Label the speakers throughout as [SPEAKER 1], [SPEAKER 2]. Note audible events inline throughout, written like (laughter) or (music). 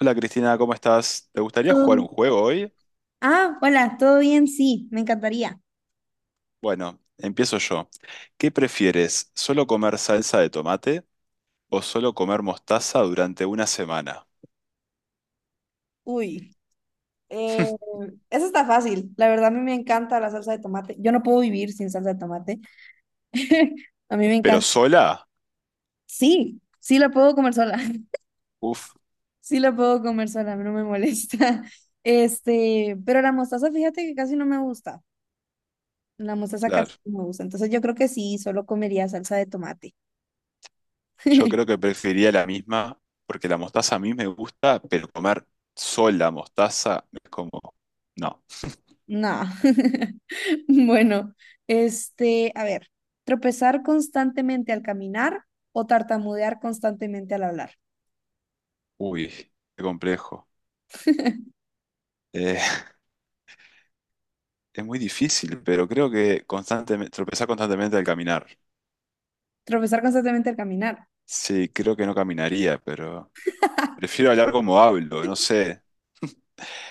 [SPEAKER 1] Hola Cristina, ¿cómo estás? ¿Te gustaría
[SPEAKER 2] Todo
[SPEAKER 1] jugar un
[SPEAKER 2] bien.
[SPEAKER 1] juego hoy?
[SPEAKER 2] Ah, hola, ¿todo bien? Sí, me encantaría.
[SPEAKER 1] Bueno, empiezo yo. ¿Qué prefieres? ¿Solo comer salsa de tomate o solo comer mostaza durante una semana?
[SPEAKER 2] Uy, eh, eso está fácil. La verdad, a mí me encanta la salsa de tomate. Yo no puedo vivir sin salsa de tomate. (laughs) A mí me
[SPEAKER 1] ¿Pero
[SPEAKER 2] encanta.
[SPEAKER 1] sola?
[SPEAKER 2] Sí, sí la puedo comer sola. (laughs)
[SPEAKER 1] Uf,
[SPEAKER 2] Sí la puedo comer sola, no me molesta. (laughs) Este, pero la mostaza, fíjate que casi no me gusta. La mostaza casi
[SPEAKER 1] claro.
[SPEAKER 2] no me gusta. Entonces yo creo que sí, solo comería salsa de tomate.
[SPEAKER 1] Yo
[SPEAKER 2] (laughs)
[SPEAKER 1] creo que preferiría la misma porque la mostaza a mí me gusta, pero comer sola mostaza es como... No.
[SPEAKER 2] No. (laughs) Bueno, este, a ver, tropezar constantemente al caminar o tartamudear constantemente al hablar.
[SPEAKER 1] Uy, qué complejo. Eh, (laughs) es muy difícil, pero creo que constantemente, tropezar constantemente al caminar.
[SPEAKER 2] Tropezar constantemente al caminar.
[SPEAKER 1] Sí, creo que no caminaría, pero... Prefiero hablar como hablo, no sé.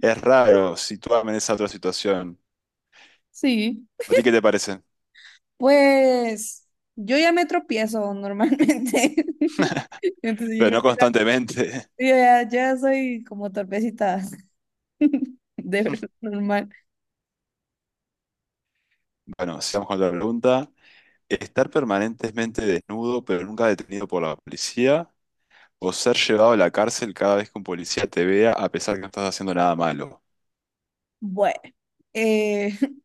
[SPEAKER 1] Es raro situarme en esa otra situación.
[SPEAKER 2] Sí.
[SPEAKER 1] ¿A ti qué te parece?
[SPEAKER 2] Pues yo ya me tropiezo normalmente. (laughs) Entonces yo
[SPEAKER 1] Pero
[SPEAKER 2] creo
[SPEAKER 1] no
[SPEAKER 2] que
[SPEAKER 1] constantemente. (laughs)
[SPEAKER 2] yo ya, ya soy como torpecita (laughs) de verdad, normal.
[SPEAKER 1] Bueno, sigamos con la pregunta. ¿Estar permanentemente desnudo pero nunca detenido por la policía? ¿O ser llevado a la cárcel cada vez que un policía te vea a pesar que no estás haciendo nada malo?
[SPEAKER 2] Bueno, eh, (laughs)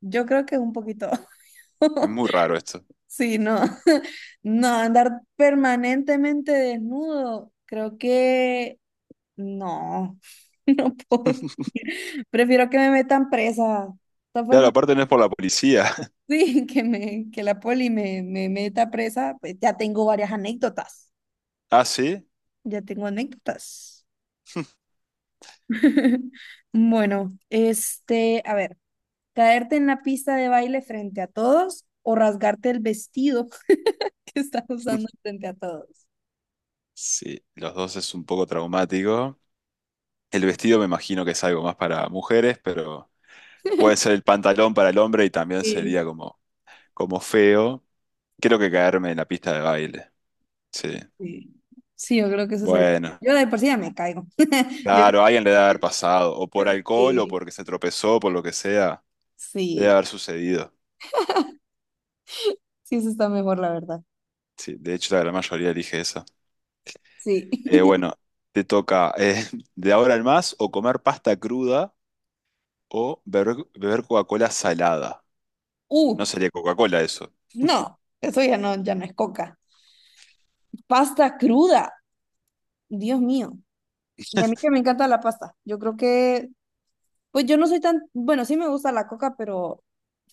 [SPEAKER 2] yo creo que un poquito.
[SPEAKER 1] Es
[SPEAKER 2] (laughs)
[SPEAKER 1] muy raro esto.
[SPEAKER 2] Sí, no, (laughs) no, andar permanentemente desnudo, creo que no, (laughs) no puedo.
[SPEAKER 1] (laughs)
[SPEAKER 2] Prefiero que me metan presa. De todas
[SPEAKER 1] Claro,
[SPEAKER 2] formas,
[SPEAKER 1] aparte no es por la policía.
[SPEAKER 2] (laughs) sí, que la poli me meta presa, pues ya tengo varias anécdotas.
[SPEAKER 1] (laughs) ¿Ah, sí?
[SPEAKER 2] Ya tengo anécdotas. (laughs) Bueno, este, a ver, caerte en la pista de baile frente a todos o rasgarte el vestido (laughs) que estás usando frente a todos.
[SPEAKER 1] Sí, los dos es un poco traumático. El vestido me imagino que es algo más para mujeres, pero puede ser el pantalón para el hombre y también
[SPEAKER 2] Sí.
[SPEAKER 1] sería como, como feo. Quiero que caerme en la pista de baile. Sí.
[SPEAKER 2] Sí, Sí, yo creo que eso sería.
[SPEAKER 1] Bueno,
[SPEAKER 2] Yo de por sí ya me caigo. (laughs) Yo
[SPEAKER 1] claro, a alguien le debe haber pasado, o
[SPEAKER 2] creo
[SPEAKER 1] por
[SPEAKER 2] que
[SPEAKER 1] alcohol, o porque se tropezó, por lo que sea, debe
[SPEAKER 2] sí,
[SPEAKER 1] haber sucedido.
[SPEAKER 2] sí, eso está mejor, la verdad.
[SPEAKER 1] Sí, de hecho, la gran mayoría elige eso.
[SPEAKER 2] Sí.
[SPEAKER 1] Bueno,
[SPEAKER 2] (laughs)
[SPEAKER 1] te toca (laughs) de ahora en más o comer pasta cruda o beber Coca-Cola salada.
[SPEAKER 2] Uh,
[SPEAKER 1] No sería Coca-Cola eso,
[SPEAKER 2] no, eso ya no, ya no es coca. Pasta cruda, Dios mío. Y a mí que me encanta la pasta. Yo creo que, pues yo no soy tan, bueno, sí me gusta la coca, pero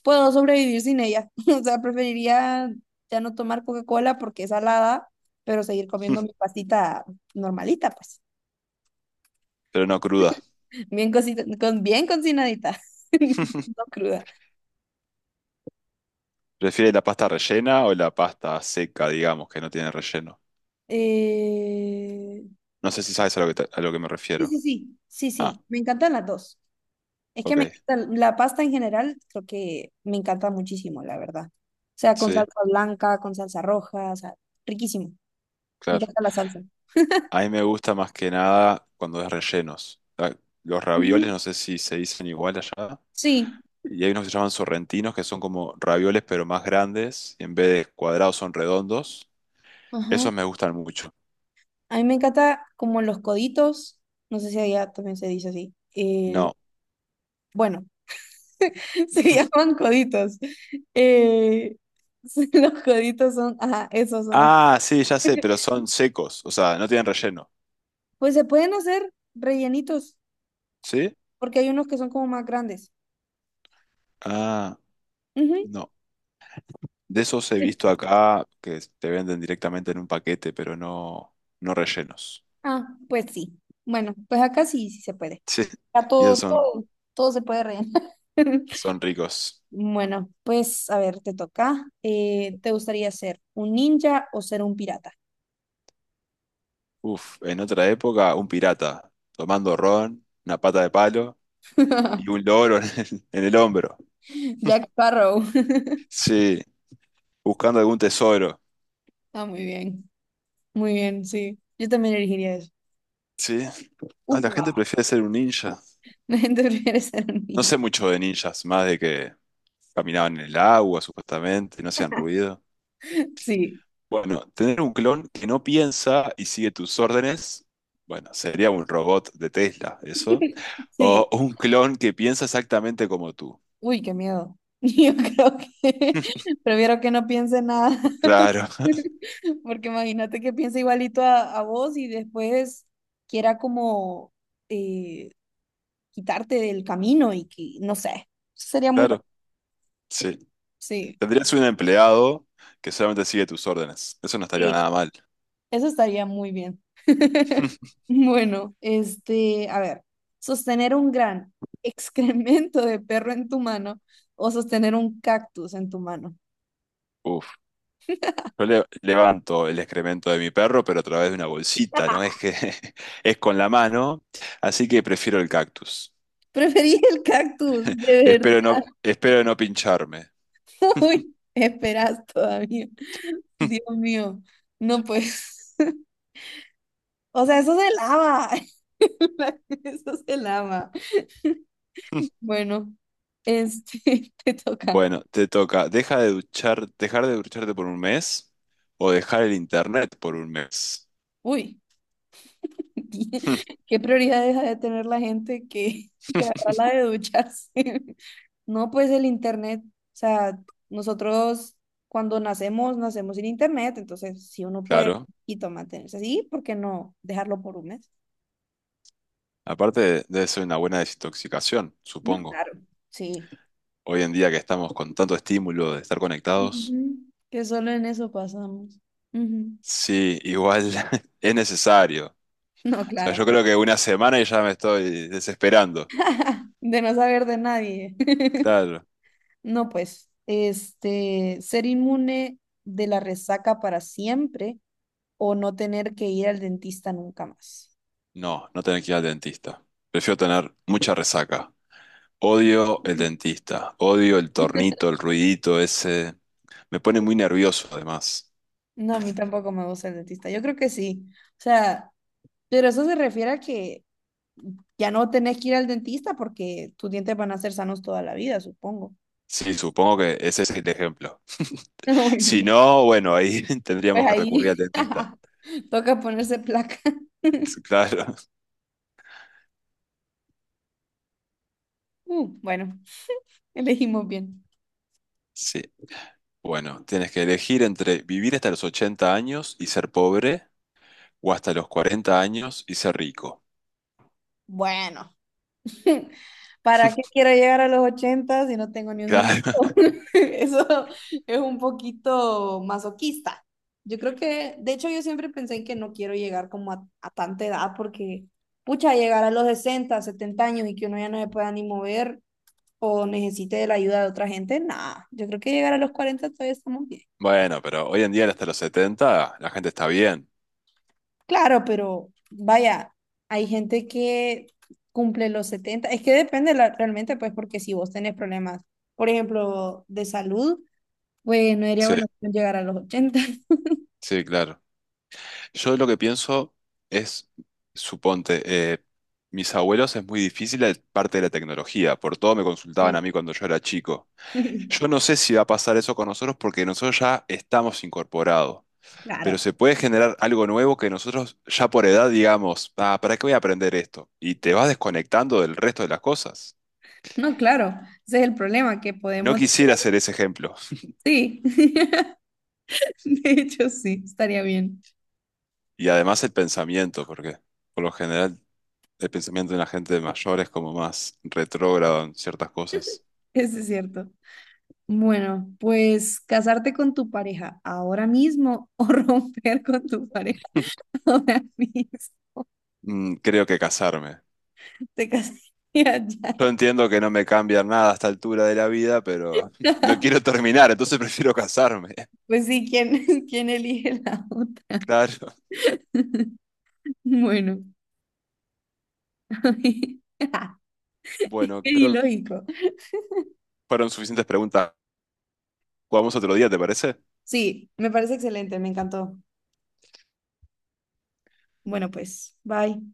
[SPEAKER 2] puedo sobrevivir sin ella. (laughs) O sea, preferiría ya no tomar Coca-Cola porque es salada, pero seguir comiendo mi pastita normalita, pues
[SPEAKER 1] (laughs) pero no cruda.
[SPEAKER 2] bien cosita, con, bien cocinadita, (laughs) no cruda.
[SPEAKER 1] ¿Prefieres la pasta rellena o la pasta seca, digamos, que no tiene relleno?
[SPEAKER 2] Eh,
[SPEAKER 1] No sé si sabes a lo que, a lo que me
[SPEAKER 2] sí,
[SPEAKER 1] refiero.
[SPEAKER 2] sí, sí, sí,
[SPEAKER 1] Ah,
[SPEAKER 2] sí, me encantan las dos. Es que me
[SPEAKER 1] ok.
[SPEAKER 2] encanta la pasta en general, creo que me encanta muchísimo, la verdad. O sea, con
[SPEAKER 1] Sí,
[SPEAKER 2] salsa blanca, con salsa roja, o sea, riquísimo. Me
[SPEAKER 1] claro.
[SPEAKER 2] encanta la salsa.
[SPEAKER 1] A mí me gusta más que nada cuando es rellenos. Ah, los ravioles,
[SPEAKER 2] Ujú.
[SPEAKER 1] no sé si se dicen igual allá.
[SPEAKER 2] Sí,
[SPEAKER 1] Y hay unos que se llaman sorrentinos, que son como ravioles, pero más grandes. Y en vez de cuadrados, son redondos.
[SPEAKER 2] ajá.
[SPEAKER 1] Esos me gustan mucho.
[SPEAKER 2] A mí me encanta como los coditos, no sé si allá también se dice así.
[SPEAKER 1] No.
[SPEAKER 2] Bueno, (laughs) se llaman coditos. Eh, (laughs) los coditos son, ajá, esos son los.
[SPEAKER 1] Ah, sí, ya sé, pero son secos. O sea, no tienen relleno.
[SPEAKER 2] Pues se pueden hacer rellenitos,
[SPEAKER 1] ¿Sí?
[SPEAKER 2] porque hay unos que son como más grandes.
[SPEAKER 1] Ah,
[SPEAKER 2] Ujú.
[SPEAKER 1] no. De esos he visto acá que te venden directamente en un paquete, pero no, no rellenos. (laughs)
[SPEAKER 2] Ah, pues sí. Bueno, pues acá sí, sí se puede.
[SPEAKER 1] Sí.
[SPEAKER 2] Acá
[SPEAKER 1] Y
[SPEAKER 2] todo,
[SPEAKER 1] esos son
[SPEAKER 2] todo, todo se puede rellenar. (laughs)
[SPEAKER 1] son ricos.
[SPEAKER 2] Bueno, pues a ver, te toca. ¿Te gustaría ser un ninja o ser un pirata?
[SPEAKER 1] Uf, en otra época, un pirata tomando ron, una pata de palo y un
[SPEAKER 2] (laughs)
[SPEAKER 1] loro en el hombro.
[SPEAKER 2] Jack Sparrow.
[SPEAKER 1] Sí, buscando algún tesoro.
[SPEAKER 2] Ah, muy bien, sí. Yo también elegiría eso.
[SPEAKER 1] Sí, ah, la
[SPEAKER 2] Upa.
[SPEAKER 1] gente prefiere ser un ninja.
[SPEAKER 2] (laughs) Tú prefieres ser un
[SPEAKER 1] No
[SPEAKER 2] niño.
[SPEAKER 1] sé mucho de ninjas, más de que caminaban en el agua, supuestamente, no hacían ruido.
[SPEAKER 2] Sí,
[SPEAKER 1] Bueno, tener un clon que no piensa y sigue tus órdenes, bueno, sería un robot de Tesla, eso. O
[SPEAKER 2] (laughs) sí.
[SPEAKER 1] un clon que piensa exactamente como tú.
[SPEAKER 2] Uy, qué miedo. (laughs) Yo creo que (laughs) prefiero que no piense nada.
[SPEAKER 1] Claro, (laughs)
[SPEAKER 2] (laughs) Porque imagínate que piense igualito a vos y después quiera como eh, quitarte del camino y que, no sé, sería muy raro.
[SPEAKER 1] claro. Sí.
[SPEAKER 2] Sí.
[SPEAKER 1] Tendrías un empleado que solamente sigue tus órdenes. Eso no estaría
[SPEAKER 2] Sí.
[SPEAKER 1] nada mal.
[SPEAKER 2] Eso estaría muy bien. (laughs)
[SPEAKER 1] (laughs)
[SPEAKER 2] Bueno, este, a ver, sostener un gran (laughs) excremento de perro en tu mano o sostener un cactus en tu mano.
[SPEAKER 1] Uf, yo levanto el excremento de mi perro, pero a través de una bolsita, ¿no?
[SPEAKER 2] (laughs)
[SPEAKER 1] Es que (laughs) es con la mano, así que prefiero el cactus.
[SPEAKER 2] Preferí el cactus, de verdad.
[SPEAKER 1] Espero no pincharme.
[SPEAKER 2] (laughs) Uy, esperas todavía. Dios mío, no pues. (laughs) O sea, eso se lava. (laughs) Eso se lava.
[SPEAKER 1] (laughs)
[SPEAKER 2] Bueno, este, (laughs) te toca.
[SPEAKER 1] Bueno, te toca. Dejar de ducharte por un mes o dejar el internet por un mes.
[SPEAKER 2] Uy. (laughs)
[SPEAKER 1] (laughs)
[SPEAKER 2] ¿Qué prioridades ha de tener la gente que, (laughs) que agarra la de ducharse? (laughs) No, pues el internet, o sea, nosotros cuando nacemos, nacemos sin internet, entonces si uno puede
[SPEAKER 1] Claro.
[SPEAKER 2] y mantenerse así, ¿por qué no dejarlo por un mes?
[SPEAKER 1] Aparte, debe ser una buena desintoxicación,
[SPEAKER 2] No.
[SPEAKER 1] supongo.
[SPEAKER 2] Claro, sí.
[SPEAKER 1] Hoy en día que estamos con tanto estímulo de estar conectados.
[SPEAKER 2] Ujú, que solo en eso pasamos. Ujú.
[SPEAKER 1] Sí, igual (laughs) es necesario. O
[SPEAKER 2] No,
[SPEAKER 1] sea,
[SPEAKER 2] claro.
[SPEAKER 1] yo creo que una semana y ya me estoy desesperando.
[SPEAKER 2] (laughs) De no saber de nadie. (laughs)
[SPEAKER 1] Claro.
[SPEAKER 2] No, pues, este, ser inmune de la resaca para siempre o no tener que ir al dentista nunca más.
[SPEAKER 1] No, no tener que ir al dentista. Prefiero tener mucha resaca. Odio el dentista. Odio el
[SPEAKER 2] (laughs)
[SPEAKER 1] tornito, el ruidito ese. Me pone muy nervioso además.
[SPEAKER 2] No, a mí tampoco me gusta el dentista. Yo creo que sí. O sea, pero eso se refiere a que ya no tenés que ir al dentista porque tus dientes van a ser sanos toda la vida, supongo.
[SPEAKER 1] Sí, supongo que ese es el ejemplo.
[SPEAKER 2] (laughs)
[SPEAKER 1] Si
[SPEAKER 2] Bueno,
[SPEAKER 1] no, bueno, ahí (laughs)
[SPEAKER 2] pues
[SPEAKER 1] tendríamos que recurrir al
[SPEAKER 2] ahí
[SPEAKER 1] dentista.
[SPEAKER 2] (laughs) toca ponerse placa. (laughs)
[SPEAKER 1] (laughs) Claro.
[SPEAKER 2] Bueno, elegimos bien.
[SPEAKER 1] Sí. Bueno, tienes que elegir entre vivir hasta los 80 años y ser pobre o hasta los 40 años y ser rico.
[SPEAKER 2] Bueno, (laughs) ¿para qué quiero llegar a los 80 si no tengo ni un
[SPEAKER 1] Claro.
[SPEAKER 2] centavo?
[SPEAKER 1] (laughs)
[SPEAKER 2] (laughs) Eso es un poquito masoquista. Yo creo que, de hecho, yo siempre pensé en que no quiero llegar como a tanta edad porque, pucha, llegar a los 60, 70 años y que uno ya no se pueda ni mover o necesite de la ayuda de otra gente, nada. Yo creo que llegar a los 40 todavía estamos bien.
[SPEAKER 1] Bueno, pero hoy en día hasta los 70, la gente está bien.
[SPEAKER 2] Claro, pero vaya, hay gente que cumple los 70. Es que depende realmente, pues, porque si vos tenés problemas, por ejemplo, de salud, pues no sería
[SPEAKER 1] Sí,
[SPEAKER 2] bueno llegar a los 80. (laughs)
[SPEAKER 1] sí, claro. Yo lo que pienso es, suponte, eh, mis abuelos es muy difícil la parte de la tecnología, por todo me consultaban
[SPEAKER 2] Sí.
[SPEAKER 1] a mí cuando yo era chico. Yo no
[SPEAKER 2] (laughs)
[SPEAKER 1] sé si va a pasar eso con nosotros porque nosotros ya estamos incorporados, pero
[SPEAKER 2] Claro.
[SPEAKER 1] se puede generar algo nuevo que nosotros ya por edad digamos, ah, ¿para qué voy a aprender esto? Y te vas desconectando del resto de las cosas.
[SPEAKER 2] No, claro. Ese es el problema, que
[SPEAKER 1] No
[SPEAKER 2] podemos...
[SPEAKER 1] quisiera hacer ese ejemplo.
[SPEAKER 2] Sí. (laughs) De hecho, sí, estaría bien.
[SPEAKER 1] Y además el pensamiento, porque por lo general el pensamiento de la gente mayor es como más retrógrado en ciertas cosas.
[SPEAKER 2] Eso es cierto. Bueno, pues casarte con tu pareja ahora mismo o (laughs) romper con tu pareja ahora mismo.
[SPEAKER 1] Creo que casarme.
[SPEAKER 2] Te casarías
[SPEAKER 1] Yo
[SPEAKER 2] ya.
[SPEAKER 1] entiendo que no me cambia nada a esta altura de la vida, pero (laughs) no
[SPEAKER 2] (laughs)
[SPEAKER 1] quiero terminar, entonces prefiero casarme. (laughs)
[SPEAKER 2] Pues sí, ¿quién, (laughs) quién elige la otra?
[SPEAKER 1] Claro.
[SPEAKER 2] (laughs) Bueno, (laughs) qué
[SPEAKER 1] Bueno, creo que
[SPEAKER 2] ilógico.
[SPEAKER 1] fueron suficientes preguntas. Jugamos otro día, ¿te parece?
[SPEAKER 2] Sí, me parece excelente, me encantó. Bueno, pues, bye.